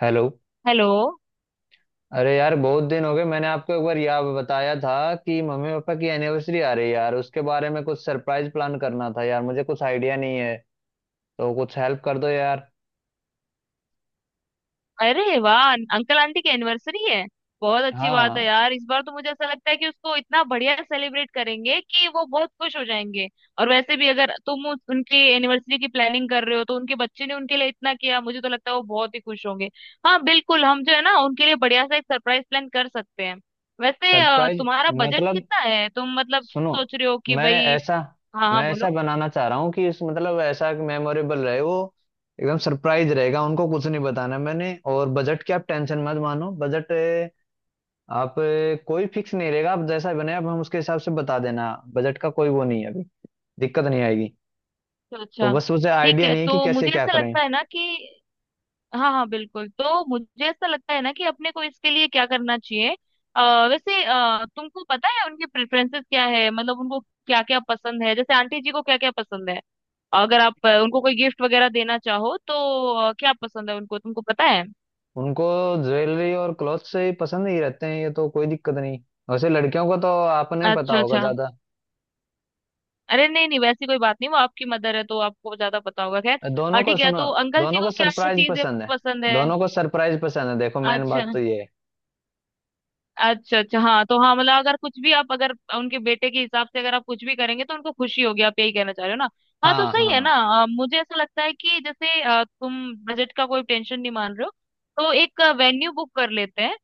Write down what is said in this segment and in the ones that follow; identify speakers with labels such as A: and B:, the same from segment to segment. A: Hello.
B: Hello.
A: अरे यार बहुत दिन हो गए। मैंने आपको एक बार याद बताया था कि मम्मी पापा की एनिवर्सरी आ रही है यार। उसके बारे में कुछ सरप्राइज प्लान करना था यार, मुझे कुछ आइडिया नहीं है। तो कुछ हेल्प कर दो यार।
B: अरे वाह! अंकल आंटी की एनिवर्सरी है। बहुत अच्छी बात है
A: हाँ,
B: यार। इस बार तो मुझे ऐसा लगता है कि उसको इतना बढ़िया सेलिब्रेट करेंगे कि वो बहुत खुश हो जाएंगे। और वैसे भी अगर तुम उनकी एनिवर्सरी की प्लानिंग कर रहे हो तो उनके बच्चे ने उनके लिए इतना किया, मुझे तो लगता है वो बहुत ही खुश होंगे। हाँ बिल्कुल, हम जो है ना उनके लिए बढ़िया सा एक सरप्राइज प्लान कर सकते हैं। वैसे
A: सरप्राइज
B: तुम्हारा बजट
A: मतलब
B: कितना है? तुम मतलब
A: सुनो।
B: सोच रहे हो कि
A: मैं
B: भाई।
A: ऐसा
B: हाँ हाँ,
A: मैं ऐसा
B: बोलो।
A: बनाना चाह रहा हूँ कि इस मतलब ऐसा मेमोरेबल रहे वो। एकदम सरप्राइज रहेगा, उनको कुछ नहीं बताना मैंने। और बजट की आप टेंशन मत मानो। बजट आप कोई फिक्स नहीं रहेगा। आप जैसा बने आप, हम उसके हिसाब से बता देना। बजट का कोई वो नहीं है अभी, दिक्कत नहीं आएगी।
B: तो
A: तो
B: अच्छा,
A: बस उसे
B: ठीक
A: आइडिया
B: है।
A: नहीं है कि
B: तो
A: कैसे
B: मुझे
A: क्या
B: ऐसा
A: करें।
B: लगता है ना कि, हाँ हाँ बिल्कुल, तो मुझे ऐसा लगता है ना कि अपने को इसके लिए क्या करना चाहिए। वैसे तुमको पता है उनके प्रेफरेंसेस क्या है? मतलब उनको क्या क्या पसंद है, जैसे आंटी जी को क्या क्या पसंद है? अगर आप उनको कोई गिफ्ट वगैरह देना चाहो तो, क्या पसंद है उनको, तुमको पता है?
A: उनको ज्वेलरी और क्लॉथ से ही पसंद ही रहते हैं, ये तो कोई दिक्कत नहीं। वैसे लड़कियों को तो आपने पता
B: अच्छा
A: होगा
B: अच्छा।
A: ज्यादा।
B: अरे नहीं नहीं, वैसी कोई बात नहीं, वो आपकी मदर है तो आपको ज्यादा पता होगा। खैर।
A: दोनों को
B: ठीक है,
A: सुनो,
B: तो अंकल जी
A: दोनों को
B: को क्या क्या
A: सरप्राइज
B: चीजें
A: पसंद है।
B: पसंद है?
A: दोनों को सरप्राइज पसंद है, देखो मेन
B: अच्छा
A: बात तो ये है।
B: अच्छा अच्छा। हाँ तो हाँ, मतलब अगर कुछ भी आप अगर उनके बेटे के हिसाब से अगर आप कुछ भी करेंगे तो उनको खुशी होगी। आप यही कहना चाह रहे हो ना? हाँ, तो
A: हाँ।
B: सही है ना।
A: हाँ
B: मुझे ऐसा लगता है कि जैसे तुम बजट का कोई टेंशन नहीं मान रहे हो, तो एक वेन्यू बुक कर लेते हैं।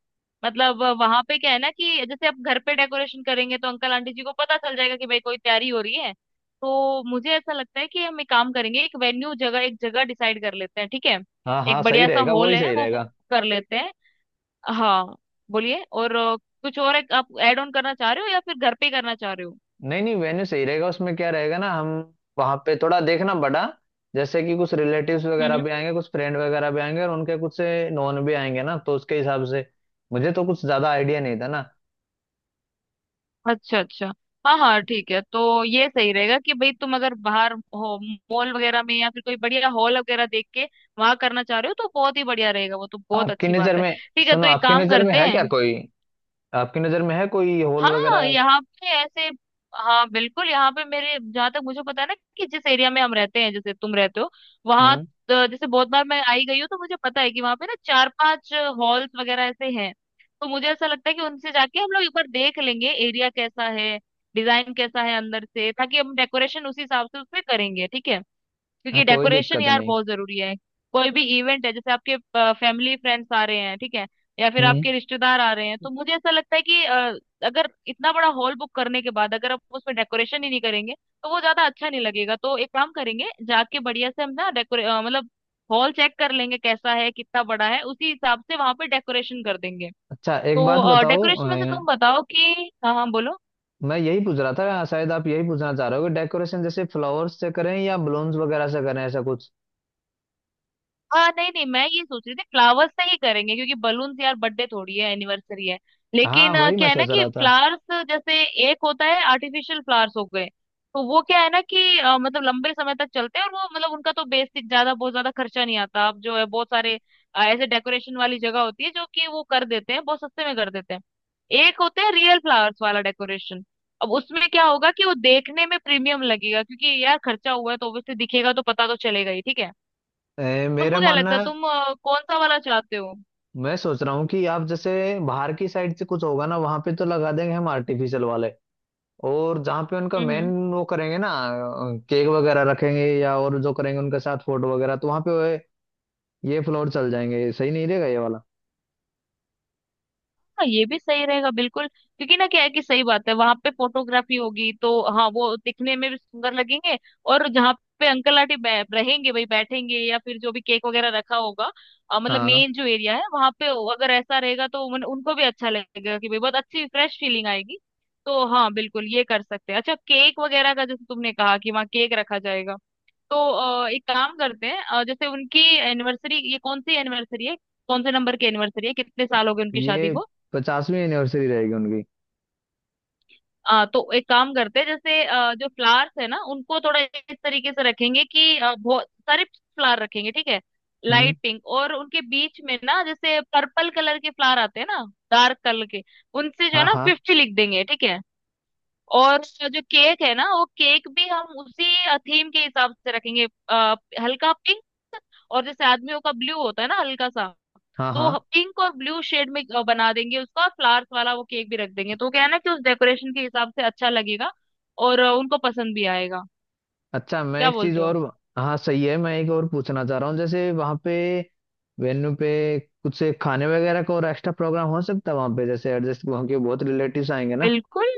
B: मतलब वहां पे क्या है ना कि जैसे आप घर पे डेकोरेशन करेंगे तो अंकल आंटी जी को पता चल जाएगा कि भाई कोई तैयारी हो रही है। तो मुझे ऐसा लगता है कि हम एक काम करेंगे, एक वेन्यू जगह एक जगह डिसाइड कर लेते हैं, ठीक है।
A: हाँ, हाँ
B: एक
A: सही
B: बढ़िया सा
A: रहेगा,
B: हॉल
A: वही
B: है,
A: सही
B: वो बुक
A: रहेगा।
B: कर लेते हैं। हाँ, बोलिए। और कुछ और एक आप ऐड ऑन करना चाह रहे हो या फिर घर पे ही करना चाह रहे हो?
A: नहीं नहीं, वेन्यू सही रहेगा। उसमें क्या रहेगा ना, हम वहां पे थोड़ा देखना बड़ा। जैसे कि कुछ रिलेटिव्स
B: हम्म
A: वगैरह
B: हम्म।
A: भी आएंगे, कुछ फ्रेंड वगैरह भी आएंगे, और उनके कुछ से नॉन भी आएंगे ना, तो उसके हिसाब से मुझे तो कुछ ज्यादा आइडिया नहीं था ना।
B: अच्छा अच्छा। हाँ हाँ ठीक है। तो ये सही रहेगा कि भाई तुम अगर बाहर हो, मॉल वगैरह में या फिर कोई बढ़िया हॉल वगैरह देख के वहां करना चाह रहे हो तो बहुत ही बढ़िया रहेगा, वो तो बहुत
A: आपकी
B: अच्छी
A: नजर
B: बात है।
A: में
B: ठीक है,
A: सुनो,
B: तो एक
A: आपकी
B: काम
A: नजर में
B: करते
A: है
B: हैं।
A: क्या कोई? आपकी नजर में है कोई हॉल
B: हाँ
A: वगैरह?
B: यहाँ पे ऐसे, हाँ बिल्कुल, यहाँ पे मेरे जहाँ तक मुझे पता है ना कि जिस एरिया में हम रहते हैं, जैसे तुम रहते हो वहाँ।
A: हम्म।
B: तो जैसे बहुत बार मैं आई गई हूँ तो मुझे पता है कि वहाँ पे ना चार पांच हॉल्स वगैरह ऐसे हैं। तो मुझे ऐसा लगता है कि उनसे जाके हम लोग एक बार देख लेंगे एरिया कैसा है, डिजाइन कैसा है अंदर से, ताकि हम डेकोरेशन उसी हिसाब से उसमें करेंगे, ठीक है।
A: हाँ
B: क्योंकि
A: कोई
B: डेकोरेशन
A: दिक्कत
B: यार
A: नहीं।
B: बहुत जरूरी है। कोई भी इवेंट है, जैसे आपके फैमिली फ्रेंड्स आ रहे हैं, ठीक है, या फिर
A: हम्म।
B: आपके रिश्तेदार आ रहे हैं तो मुझे ऐसा लगता है कि अगर इतना बड़ा हॉल बुक करने के बाद अगर आप उसमें डेकोरेशन ही नहीं करेंगे तो वो ज्यादा अच्छा नहीं लगेगा। तो एक काम करेंगे जाके बढ़िया से हम ना मतलब हॉल चेक कर लेंगे कैसा है, कितना बड़ा है, उसी हिसाब से वहां पे डेकोरेशन कर देंगे।
A: अच्छा एक बात
B: तो
A: बताओ।
B: डेकोरेशन में से
A: अ,
B: तुम बताओ कि, हाँ हाँ बोलो।
A: मैं यही पूछ रहा था, शायद आप यही पूछना चाह रहे हो कि डेकोरेशन जैसे फ्लावर्स से करें या बलून्स वगैरह से करें, ऐसा कुछ।
B: हाँ नहीं नहीं, मैं ये सोच रही थी फ्लावर्स से ही करेंगे क्योंकि बलून, यार बर्थडे थोड़ी है, एनिवर्सरी है।
A: हाँ
B: लेकिन
A: वही मैं
B: क्या है ना
A: सोच
B: कि
A: रहा था।
B: फ्लावर्स जैसे, एक होता है आर्टिफिशियल फ्लावर्स हो गए। तो वो क्या है ना कि मतलब लंबे समय तक चलते हैं और वो मतलब उनका तो बेसिक ज्यादा बहुत ज्यादा खर्चा नहीं आता, अब जो है बहुत सारे ऐसे डेकोरेशन वाली जगह होती है जो कि वो कर देते हैं, बहुत सस्ते में कर देते हैं। एक होते हैं रियल फ्लावर्स वाला डेकोरेशन। अब उसमें क्या होगा कि वो देखने में प्रीमियम लगेगा क्योंकि यार खर्चा हुआ है तो ऑब्वियसली दिखेगा, तो पता तो चलेगा ही, ठीक है।
A: मेरा
B: तुमको क्या लगता
A: मानना
B: है,
A: है,
B: तुम कौन सा वाला चाहते हो?
A: मैं सोच रहा हूँ कि आप जैसे बाहर की साइड से कुछ होगा ना वहां पे तो लगा देंगे हम आर्टिफिशियल वाले। और जहाँ पे उनका मेन
B: हम्म।
A: वो करेंगे ना, केक वगैरह रखेंगे या और जो करेंगे, उनके साथ फोटो वगैरह, तो वहां पे ये फ्लोर चल जाएंगे। सही नहीं रहेगा ये वाला।
B: हाँ ये भी सही रहेगा, बिल्कुल, क्योंकि ना क्या है कि सही बात है, वहां पे फोटोग्राफी होगी तो हाँ वो दिखने में भी सुंदर लगेंगे। और जहाँ पे अंकल आंटी रहेंगे, भाई बैठेंगे या फिर जो भी केक वगैरह रखा होगा, मतलब
A: हाँ।
B: मेन जो एरिया है वहां पे, अगर ऐसा रहेगा तो उनको भी अच्छा लगेगा कि भाई बहुत अच्छी फ्रेश फीलिंग आएगी। तो हाँ बिल्कुल ये कर सकते हैं। अच्छा, केक वगैरह का, जैसे तुमने कहा कि वहाँ केक रखा जाएगा, तो एक काम करते हैं, जैसे उनकी एनिवर्सरी ये कौन सी एनिवर्सरी है? कौन से नंबर की एनिवर्सरी है, कितने साल हो गए उनकी
A: ये
B: शादी को?
A: पचासवीं एनिवर्सरी रहेगी उनकी।
B: तो एक काम करते हैं जैसे जो फ्लावर्स है ना उनको थोड़ा इस तरीके से रखेंगे कि बहुत सारे फ्लावर रखेंगे, ठीक है।
A: हम्म।
B: लाइट पिंक और उनके बीच में ना जैसे पर्पल कलर के फ्लावर आते हैं ना, डार्क कलर के, उनसे जो है
A: हाँ
B: ना
A: हाँ।
B: 50 लिख देंगे, ठीक है। और जो केक है ना, वो केक भी हम उसी थीम के हिसाब से रखेंगे, हल्का पिंक, और जैसे आदमियों का ब्लू होता है ना, हल्का सा।
A: हाँ हाँ।
B: तो पिंक और ब्लू शेड में बना देंगे उसका, फ्लावर्स वाला वो केक भी रख देंगे, तो क्या है ना कि उस डेकोरेशन के हिसाब से अच्छा लगेगा और उनको पसंद भी आएगा,
A: अच्छा मैं
B: क्या
A: एक चीज
B: बोलते हो?
A: और। हाँ सही है, मैं एक और पूछना चाह रहा हूँ। जैसे वहाँ पे वेन्यू पे कुछ खाने वगैरह का और एक्स्ट्रा प्रोग्राम हो सकता है वहाँ पे, जैसे एडजस्ट वहाँ के बहुत रिलेटिव्स आएंगे ना।
B: बिल्कुल।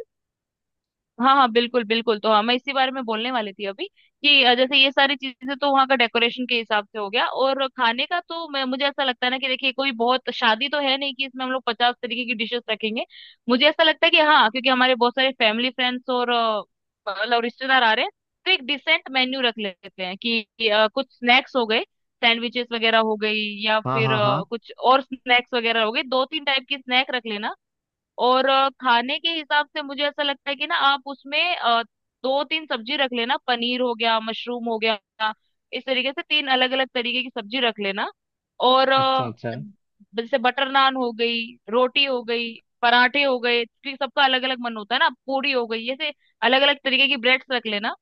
B: हाँ हाँ बिल्कुल बिल्कुल, तो हाँ मैं इसी बारे में बोलने वाली थी अभी कि जैसे ये सारी चीजें तो वहाँ का डेकोरेशन के हिसाब से हो गया, और खाने का तो मैं, मुझे ऐसा लगता है ना कि देखिए कोई बहुत शादी तो है नहीं कि इसमें हम लोग 50 तरीके की डिशेस रखेंगे। मुझे ऐसा लगता है कि हाँ, क्योंकि हमारे बहुत सारे फैमिली फ्रेंड्स और मतलब रिश्तेदार आ रहे हैं, तो एक डिसेंट मेन्यू रख लेते हैं कि कुछ स्नैक्स हो गए, सैंडविचेस वगैरह हो गई, या
A: हाँ
B: फिर
A: हाँ हाँ।
B: कुछ और स्नैक्स वगैरह हो गए, दो तीन टाइप की स्नैक रख लेना। और खाने के हिसाब से मुझे ऐसा लगता है कि ना आप उसमें दो तीन सब्जी रख लेना, पनीर हो गया, मशरूम हो गया, इस तरीके से तीन अलग अलग तरीके की सब्जी रख लेना। और
A: अच्छा अच्छा।
B: जैसे बटर नान हो गई, रोटी हो गई, पराठे हो गए क्योंकि सबका अलग अलग मन होता है ना, पूरी हो गई, ऐसे अलग अलग तरीके की ब्रेड्स रख लेना।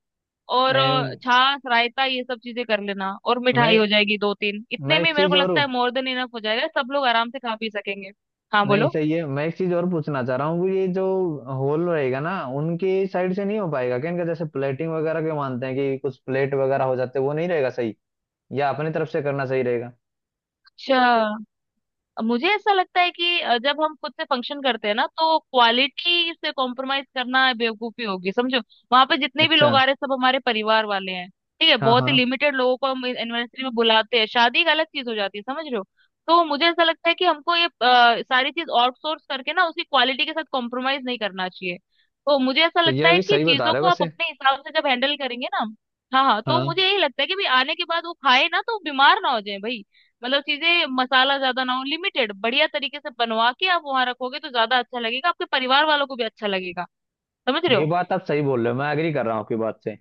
B: और
A: एम,
B: छाछ, रायता, ये सब चीजें कर लेना, और मिठाई
A: मैं
B: हो जाएगी दो तीन,
A: मैं
B: इतने में
A: एक
B: मेरे
A: चीज
B: को
A: और।
B: लगता है मोर देन इनफ हो जाएगा, सब लोग आराम से खा पी सकेंगे। हाँ
A: नहीं
B: बोलो।
A: सही है, मैं एक चीज और पूछना चाह रहा हूँ। ये जो हॉल रहेगा ना, उनके साइड से नहीं हो पाएगा क्या इनका, जैसे प्लेटिंग वगैरह के मानते हैं कि कुछ प्लेट वगैरह हो जाते हैं, वो नहीं रहेगा सही, या अपनी तरफ से करना सही रहेगा?
B: अच्छा, मुझे ऐसा लगता है कि जब हम खुद से फंक्शन करते हैं ना तो क्वालिटी से कॉम्प्रोमाइज करना बेवकूफी होगी, समझो। वहां पे जितने भी
A: अच्छा।
B: लोग आ रहे हैं सब हमारे परिवार वाले हैं, ठीक है।
A: हाँ
B: बहुत ही
A: हाँ,
B: लिमिटेड लोगों को हम एनिवर्सरी में बुलाते हैं, शादी एक अलग चीज हो जाती है, समझ रहे हो? तो मुझे ऐसा लगता है कि हमको ये सारी चीज आउटसोर्स करके ना उसकी क्वालिटी के साथ कॉम्प्रोमाइज नहीं करना चाहिए। तो मुझे ऐसा
A: तो
B: लगता
A: यह
B: है
A: भी
B: कि
A: सही बता
B: चीजों
A: रहे हो
B: को आप
A: वैसे।
B: अपने हिसाब से जब हैंडल करेंगे ना, हाँ हाँ, तो
A: हाँ,
B: मुझे यही लगता है कि भाई आने के बाद वो खाए ना तो बीमार ना हो जाए भाई। मतलब चीजें मसाला ज्यादा ना हो, लिमिटेड बढ़िया तरीके से बनवा के आप वहां रखोगे तो ज्यादा अच्छा लगेगा, आपके परिवार वालों को भी अच्छा लगेगा, समझ रहे
A: ये
B: हो?
A: बात आप सही बोल रहे हो, मैं एग्री कर रहा हूँ आपकी बात से।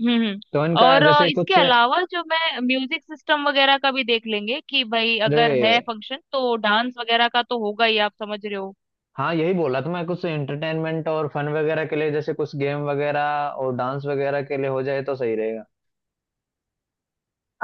B: हम्म।
A: तो इनका
B: और
A: जैसे
B: इसके
A: कुछ।
B: अलावा जो मैं म्यूजिक सिस्टम वगैरह का भी देख लेंगे कि भाई अगर है
A: अरे,
B: फंक्शन तो डांस वगैरह का तो होगा ही, आप समझ रहे हो।
A: हाँ यही बोला था मैं। कुछ एंटरटेनमेंट और फन वगैरह के लिए, जैसे कुछ गेम वगैरह और डांस वगैरह के लिए हो जाए तो सही रहेगा।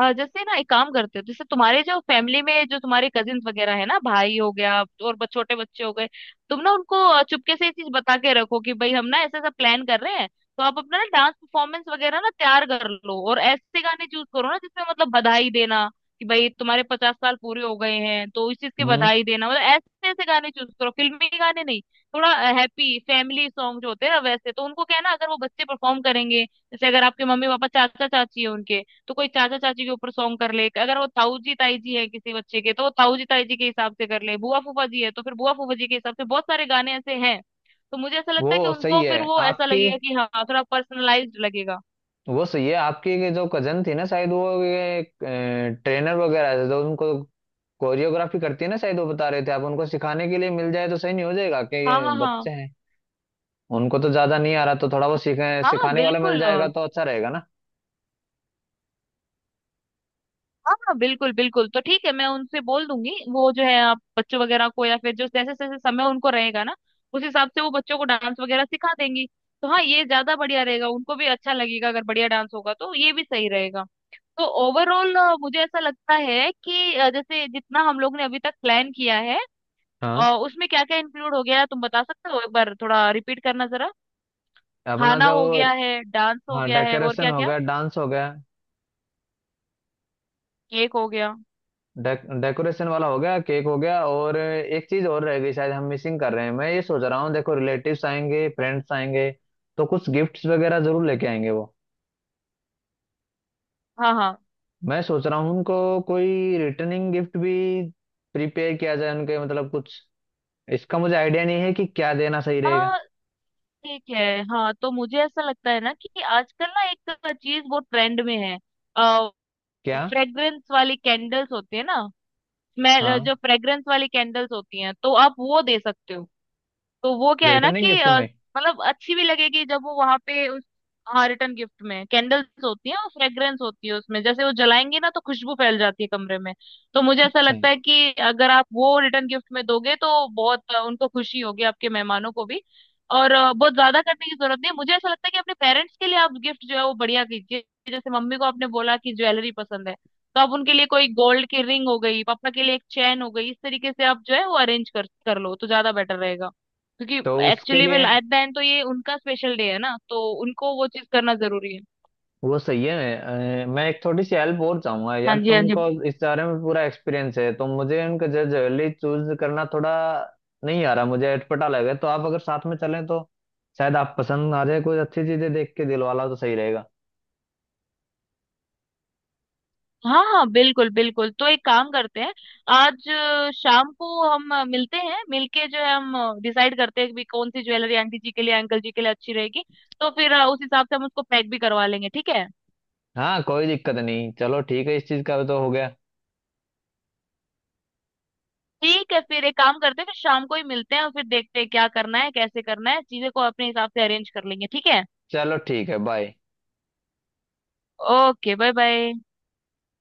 B: जैसे ना एक काम करते हो, जैसे तुम्हारे जो फैमिली में, जो तुम्हारे कजिन वगैरह है ना, भाई हो गया और छोटे बच्चे हो गए, तुम ना उनको चुपके से ये चीज बता के रखो कि भाई हम ना ऐसा ऐसा प्लान कर रहे हैं, तो आप अपना ना डांस परफॉर्मेंस वगैरह ना तैयार कर लो और ऐसे गाने चूज करो ना, जिसमें मतलब बधाई देना कि भाई तुम्हारे 50 साल पूरे हो गए हैं तो इस चीज की
A: हम्म।
B: बधाई देना, मतलब ऐसे ऐसे गाने चूज करो, फिल्मी गाने नहीं। थोड़ा हैप्पी फैमिली सॉन्ग जो होते हैं ना, वैसे तो उनको क्या है ना, अगर वो बच्चे परफॉर्म करेंगे, जैसे अगर आपके मम्मी पापा चाचा चाची है उनके, तो कोई चाचा चाची के ऊपर सॉन्ग कर ले, अगर वो ताऊ जी ताई जी है किसी बच्चे के तो वो ताऊ जी ताई जी के हिसाब से कर ले, बुआ फूफा जी है तो फिर बुआ फूफा जी के हिसाब से, बहुत सारे गाने ऐसे हैं। तो मुझे ऐसा
A: वो
B: लगता है कि
A: सही
B: उनको
A: है
B: फिर वो ऐसा
A: आपकी।
B: लगेगा कि हाँ, थोड़ा पर्सनलाइज्ड लगेगा।
A: वो सही है, आपकी ये जो कजन थी ना, शायद वो ये ट्रेनर वगैरह थे जो उनको कोरियोग्राफी करती है ना, शायद वो बता रहे थे। आप उनको सिखाने के लिए मिल जाए तो सही नहीं हो जाएगा? कि
B: हाँ
A: ये
B: हाँ हाँ
A: बच्चे हैं, उनको तो ज्यादा नहीं आ रहा, तो थोड़ा वो सीखे
B: हाँ हाँ
A: सिखाने वाला मिल
B: बिल्कुल,
A: जाएगा तो अच्छा रहेगा ना।
B: हाँ हाँ बिल्कुल बिल्कुल, तो ठीक है, मैं उनसे बोल दूंगी, वो जो है आप बच्चों वगैरह को या फिर जो जैसे जैसे समय उनको रहेगा ना, उस हिसाब से वो बच्चों को डांस वगैरह सिखा देंगी। तो हाँ ये ज्यादा बढ़िया रहेगा, उनको भी अच्छा लगेगा, अगर बढ़िया डांस होगा तो ये भी सही रहेगा। तो ओवरऑल मुझे ऐसा लगता है कि जैसे जितना हम लोग ने अभी तक प्लान किया है,
A: हाँ।
B: उसमें क्या क्या इंक्लूड हो गया है, तुम बता सकते हो एक बार, थोड़ा रिपीट करना जरा।
A: अपना
B: खाना
A: जो
B: हो
A: वो।
B: गया है, डांस हो
A: हाँ
B: गया है, और
A: डेकोरेशन
B: क्या
A: हो
B: क्या?
A: गया, डांस हो गया।
B: केक हो गया।
A: डे, डेकोरेशन वाला हो गया, केक हो गया, और एक चीज और रह गई शायद, हम मिसिंग कर रहे हैं। मैं ये सोच रहा हूँ, देखो रिलेटिव्स आएंगे, फ्रेंड्स आएंगे, तो कुछ गिफ्ट्स वगैरह जरूर लेके आएंगे वो।
B: हाँ हाँ
A: मैं सोच रहा हूँ उनको कोई रिटर्निंग गिफ्ट भी प्रिपेयर किया जाए उनके। मतलब कुछ इसका मुझे आइडिया नहीं है कि क्या देना सही रहेगा।
B: हाँ ठीक है। हाँ तो मुझे ऐसा लगता है ना कि आजकल ना एक चीज बहुत ट्रेंड में है।
A: क्या?
B: फ्रेग्रेंस वाली कैंडल्स होती है ना, स्मेल,
A: हाँ
B: जो फ्रेग्रेंस वाली कैंडल्स होती हैं, तो आप वो दे सकते हो। तो वो क्या है ना
A: रिटर्निंग
B: कि
A: गिफ्ट में।
B: मतलब अच्छी भी लगेगी जब वो वहां पे उस, हाँ, रिटर्न गिफ्ट में कैंडल्स होती है और फ्रेग्रेंस होती है उसमें, जैसे वो जलाएंगी ना तो खुशबू फैल जाती है कमरे में। तो मुझे ऐसा
A: अच्छा।
B: लगता है कि अगर आप वो रिटर्न गिफ्ट में दोगे तो बहुत उनको खुशी होगी, आपके मेहमानों को भी। और बहुत ज्यादा करने की जरूरत नहीं है, मुझे ऐसा लगता है कि अपने पेरेंट्स के लिए आप गिफ्ट जो है वो बढ़िया कीजिए। जैसे मम्मी को आपने बोला कि ज्वेलरी पसंद है, तो आप उनके लिए कोई गोल्ड की रिंग हो गई, पापा के लिए एक चैन हो गई, इस तरीके से आप जो है वो अरेंज कर कर लो तो ज्यादा बेटर रहेगा। क्योंकि
A: तो उसके
B: एक्चुअली में
A: लिए
B: एट द एंड तो ये उनका स्पेशल डे है ना, तो उनको वो चीज करना जरूरी है।
A: वो सही है। मैं एक थोड़ी सी हेल्प और चाहूंगा
B: हाँ
A: यार,
B: जी हाँ जी।
A: तुमको इस बारे में पूरा एक्सपीरियंस है। तो मुझे उनका जल्दी चूज करना थोड़ा नहीं आ रहा, मुझे अटपटा लगे, तो आप अगर साथ में चलें तो शायद आप पसंद आ जाए, कुछ अच्छी चीजें देख के दिलवाला तो सही रहेगा।
B: हाँ हाँ बिल्कुल बिल्कुल, तो एक काम करते हैं, आज शाम को हम मिलते हैं, मिलके जो है हम डिसाइड करते हैं कि भी कौन सी ज्वेलरी आंटी जी के लिए, अंकल जी के लिए अच्छी रहेगी। तो फिर उस हिसाब से हम उसको पैक भी करवा लेंगे, ठीक है।
A: हाँ कोई दिक्कत नहीं। चलो ठीक है, इस चीज का भी तो हो गया।
B: ठीक है, फिर एक काम करते हैं, फिर शाम को ही मिलते हैं और फिर देखते हैं क्या करना है, कैसे करना है, चीजें को अपने हिसाब से अरेंज कर लेंगे, ठीक है।
A: चलो ठीक है, बाय।
B: Okay, bye bye.